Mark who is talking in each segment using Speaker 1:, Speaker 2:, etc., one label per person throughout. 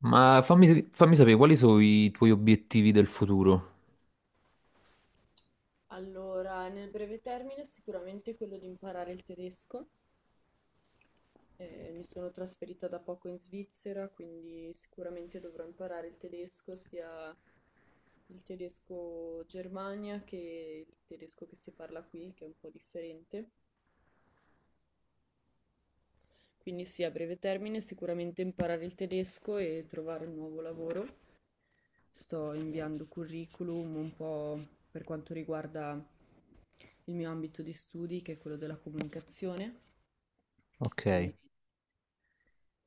Speaker 1: Ma fammi sapere quali sono i tuoi obiettivi del futuro.
Speaker 2: Allora, nel breve termine sicuramente quello di imparare il tedesco. Mi sono trasferita da poco in Svizzera, quindi sicuramente dovrò imparare il tedesco, sia il tedesco Germania che il tedesco che si parla qui, che è un po' differente. Quindi sì, a breve termine sicuramente imparare il tedesco e trovare un nuovo lavoro. Sto inviando curriculum un po' per quanto riguarda il mio ambito di studi, che è quello della comunicazione.
Speaker 1: Ok.
Speaker 2: E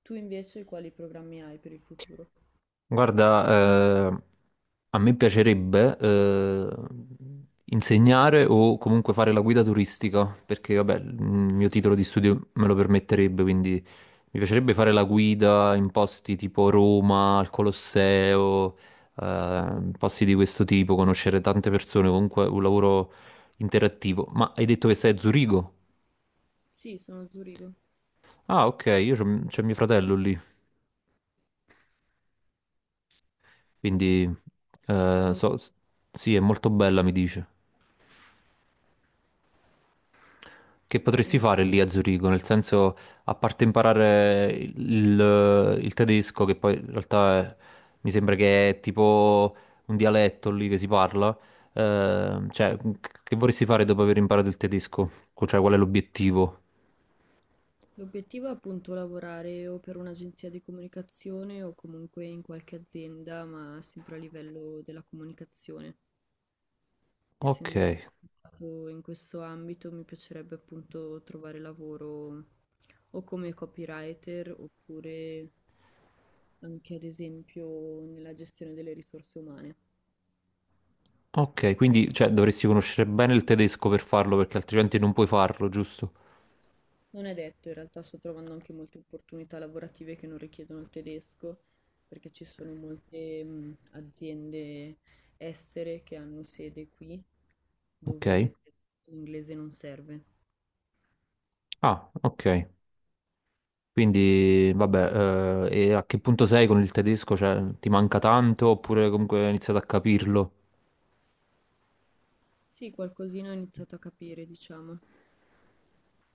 Speaker 2: tu invece quali programmi hai per il futuro?
Speaker 1: Guarda, a me piacerebbe insegnare o comunque fare la guida turistica, perché vabbè, il mio titolo di studio me lo permetterebbe, quindi mi piacerebbe fare la guida in posti tipo Roma, al Colosseo, posti di questo tipo, conoscere tante persone, comunque un lavoro interattivo. Ma hai detto che sei a Zurigo?
Speaker 2: Sì, sono a Zurigo,
Speaker 1: Ah, ok, io c'è mio fratello lì. Quindi,
Speaker 2: città
Speaker 1: eh,
Speaker 2: molto...
Speaker 1: so- s- sì, è molto bella, mi dice. Che potresti
Speaker 2: e
Speaker 1: fare lì a Zurigo? Nel senso, a parte imparare il tedesco, che poi in realtà mi sembra che è tipo un dialetto lì che si parla, eh, cioè, che vorresti fare dopo aver imparato il tedesco? Cioè, qual è l'obiettivo?
Speaker 2: l'obiettivo è appunto lavorare o per un'agenzia di comunicazione o comunque in qualche azienda, ma sempre a livello della comunicazione.
Speaker 1: Ok,
Speaker 2: Essendo che ho studiato in questo ambito, mi piacerebbe appunto trovare lavoro o come copywriter oppure anche ad esempio nella gestione delle risorse umane.
Speaker 1: ok, quindi cioè, dovresti conoscere bene il tedesco per farlo, perché altrimenti non puoi farlo, giusto?
Speaker 2: Non è detto, in realtà sto trovando anche molte opportunità lavorative che non richiedono il tedesco, perché ci sono molte aziende estere che hanno sede qui,
Speaker 1: Ok.
Speaker 2: dove l'inglese non serve.
Speaker 1: Ah, ok. Quindi, vabbè, e a che punto sei con il tedesco? Cioè, ti manca tanto oppure comunque hai iniziato a capirlo?
Speaker 2: Sì, qualcosina ho iniziato a capire, diciamo.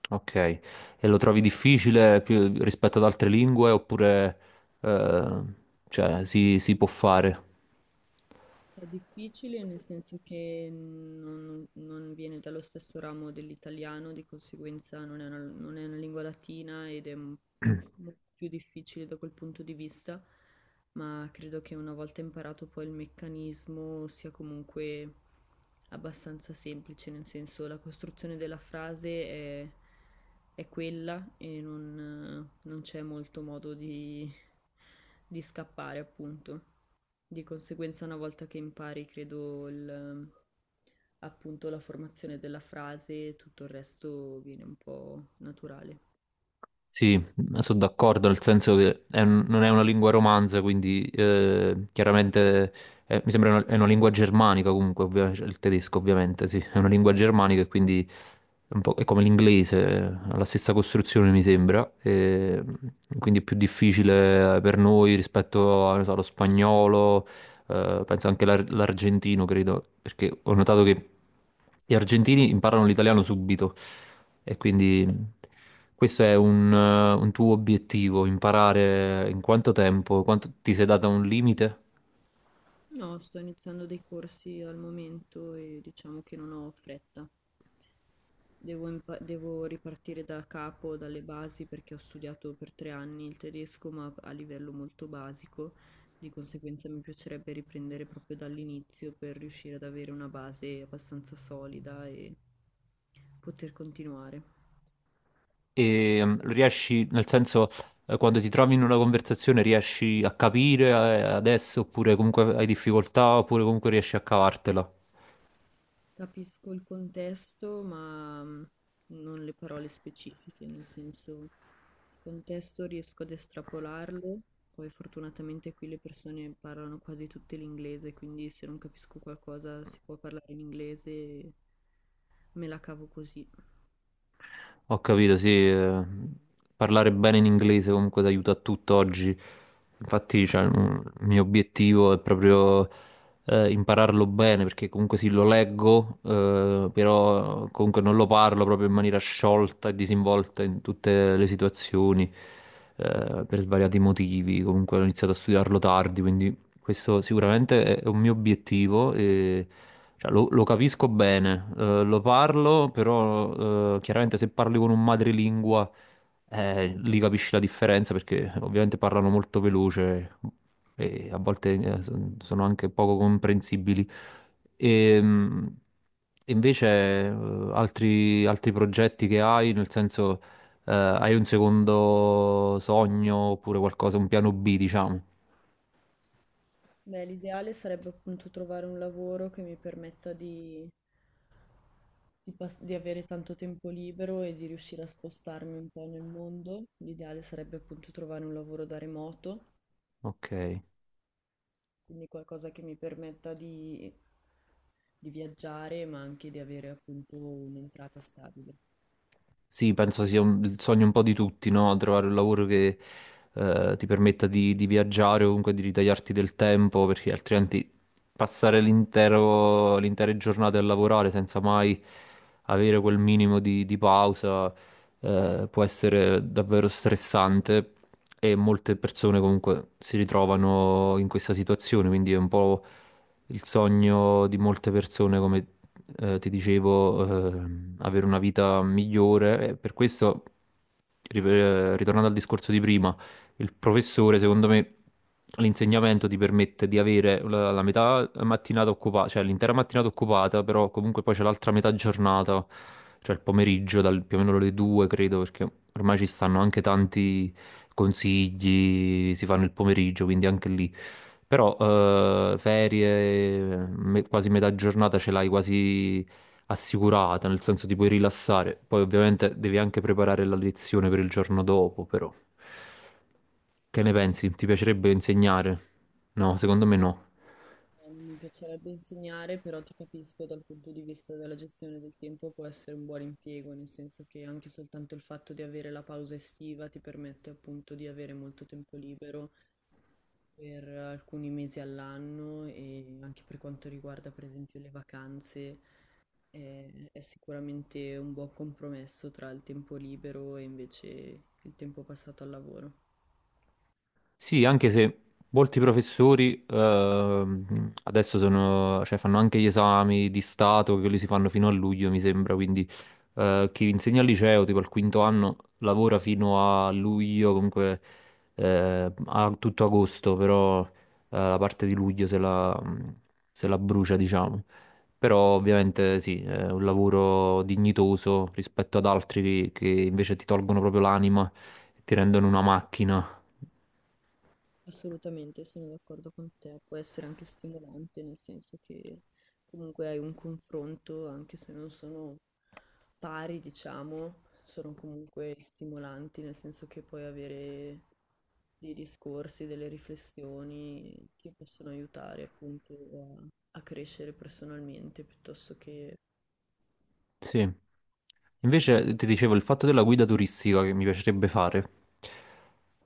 Speaker 1: Ok, e lo trovi difficile più rispetto ad altre lingue eh, si può fare?
Speaker 2: È difficile nel senso che non viene dallo stesso ramo dell'italiano, di conseguenza non è una lingua latina ed è molto più difficile da quel punto di vista, ma credo che una volta imparato poi il meccanismo sia comunque abbastanza semplice, nel senso la costruzione della frase è quella e non c'è molto modo di scappare, appunto. Di conseguenza, una volta che impari, credo, appunto la formazione della frase, tutto il resto viene un po' naturale.
Speaker 1: Sì, sono d'accordo, nel senso che è non è una lingua romanza, quindi chiaramente mi sembra è una lingua germanica comunque, cioè il tedesco ovviamente, sì, è una lingua germanica e quindi è, un po', è come l'inglese, ha la stessa costruzione mi sembra, e quindi è più difficile per noi rispetto a, non so, allo spagnolo, penso anche l'argentino, credo, perché ho notato che gli argentini imparano l'italiano subito e quindi questo è un tuo obiettivo, imparare in quanto tempo, quanto ti sei data un limite
Speaker 2: No, sto iniziando dei corsi al momento e diciamo che non ho fretta. Devo ripartire da capo, dalle basi, perché ho studiato per tre anni il tedesco, ma a livello molto basico. Di conseguenza mi piacerebbe riprendere proprio dall'inizio per riuscire ad avere una base abbastanza solida e poter continuare.
Speaker 1: e riesci, nel senso, quando ti trovi in una conversazione riesci a capire adesso oppure comunque hai difficoltà oppure comunque riesci a cavartela.
Speaker 2: Capisco il contesto, ma non le parole specifiche, nel senso il contesto riesco ad estrapolarlo, poi fortunatamente qui le persone parlano quasi tutte l'inglese, quindi se non capisco qualcosa si può parlare in inglese, e me la cavo così.
Speaker 1: Ho capito, sì, parlare bene in inglese comunque ti aiuta a tutto oggi. Infatti, il mio obiettivo è proprio impararlo bene, perché comunque sì, lo leggo, però comunque non lo parlo proprio in maniera sciolta e disinvolta in tutte le situazioni, per svariati motivi. Comunque ho iniziato a studiarlo tardi, quindi questo sicuramente è un mio obiettivo, e, cioè, lo capisco bene, lo parlo, però chiaramente se parli con un madrelingua, lì capisci la differenza perché ovviamente parlano molto veloce e a volte sono anche poco comprensibili. E, invece altri progetti che hai, nel senso hai un secondo sogno oppure qualcosa, un piano B, diciamo.
Speaker 2: Beh, l'ideale sarebbe appunto trovare un lavoro che mi permetta di avere tanto tempo libero e di riuscire a spostarmi un po' nel mondo. L'ideale sarebbe appunto trovare un lavoro da remoto.
Speaker 1: Ok.
Speaker 2: Quindi qualcosa che mi permetta di viaggiare, ma anche di avere appunto un'entrata stabile.
Speaker 1: Sì, penso sia il sogno un po' di tutti, no? Trovare un lavoro che ti permetta di viaggiare o comunque di ritagliarti del tempo, perché altrimenti passare l'intera giornata a lavorare senza mai avere quel minimo di pausa, può essere davvero stressante e molte persone comunque si ritrovano in questa situazione, quindi è un po' il sogno di molte persone, come, ti dicevo, avere una vita migliore. E per questo, ritornando al discorso di prima, il professore, secondo me, l'insegnamento ti permette di avere la metà mattinata occupata, cioè l'intera mattinata occupata, però comunque poi c'è l'altra metà giornata, cioè il pomeriggio, dal, più o meno le due, credo, perché ormai ci stanno anche tanti consigli, si fanno il pomeriggio, quindi anche lì. Però quasi metà giornata ce l'hai quasi assicurata, nel senso ti puoi rilassare. Poi ovviamente devi anche preparare la lezione per il giorno dopo, però. Che ne pensi? Ti piacerebbe insegnare? No, secondo me no.
Speaker 2: Mi piacerebbe insegnare, però ti capisco dal punto di vista della gestione del tempo può essere un buon impiego, nel senso che anche soltanto il fatto di avere la pausa estiva ti permette appunto di avere molto tempo libero per alcuni mesi all'anno e anche per quanto riguarda per esempio le vacanze è sicuramente un buon compromesso tra il tempo libero e invece il tempo passato al lavoro.
Speaker 1: Sì, anche se molti professori adesso sono, cioè, fanno anche gli esami di Stato, che quelli si fanno fino a luglio, mi sembra, quindi chi insegna al liceo, tipo al quinto anno, lavora fino a luglio, comunque a tutto agosto, però la parte di luglio se la brucia, diciamo. Però ovviamente sì, è un lavoro dignitoso rispetto ad altri che invece ti tolgono proprio l'anima e ti rendono una macchina.
Speaker 2: Assolutamente, sono d'accordo con te. Può essere anche stimolante, nel senso che comunque hai un confronto, anche se non sono pari, diciamo, sono comunque stimolanti, nel senso che puoi avere dei discorsi, delle riflessioni che possono aiutare appunto a crescere personalmente piuttosto che
Speaker 1: Sì.
Speaker 2: in altri
Speaker 1: Invece
Speaker 2: ambiti.
Speaker 1: ti dicevo il fatto della guida turistica che mi piacerebbe fare.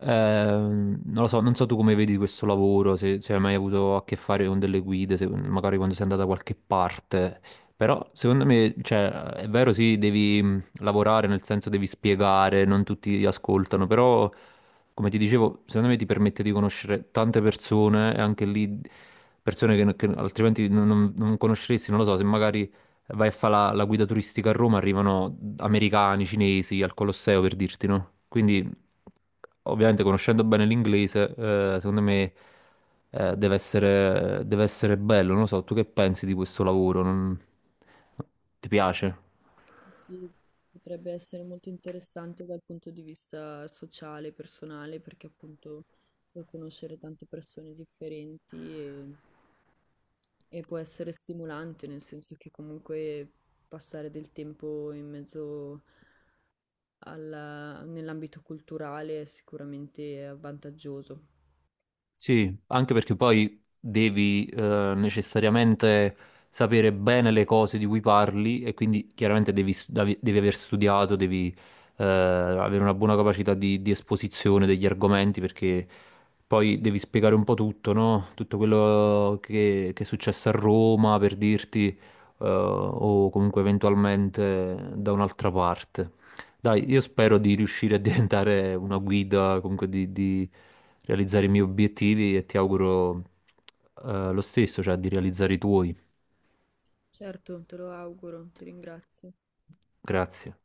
Speaker 1: Non lo so, non so tu come vedi questo lavoro, se hai mai avuto a che fare con delle guide, magari quando sei andato da qualche parte. Però secondo me, cioè, è vero, sì, devi lavorare, nel senso devi spiegare, non tutti ti ascoltano, però come ti dicevo, secondo me ti permette di conoscere tante persone e anche lì persone che altrimenti non conosceresti, non lo so, se magari vai a fare la guida turistica a Roma, arrivano americani, cinesi al Colosseo per dirti, no? Quindi, ovviamente, conoscendo bene l'inglese, secondo me, deve essere bello. Non lo so, tu che pensi di questo lavoro? Ti piace?
Speaker 2: Assolutamente sì, sì, potrebbe essere molto interessante dal punto di vista sociale, personale, perché appunto puoi conoscere tante persone differenti e può essere stimolante, nel senso che comunque passare del tempo in mezzo nell'ambito culturale è sicuramente vantaggioso.
Speaker 1: Sì, anche perché poi devi necessariamente sapere bene le cose di cui parli e quindi chiaramente devi aver studiato, devi avere una buona capacità di esposizione degli argomenti perché poi devi spiegare un po' tutto, no? Tutto quello che è successo a Roma per dirti, o comunque eventualmente da un'altra parte. Dai, io spero di riuscire a diventare una guida, comunque di realizzare i miei obiettivi e ti auguro lo stesso, cioè di realizzare i tuoi.
Speaker 2: Certo, te lo auguro, ti ringrazio.
Speaker 1: Grazie.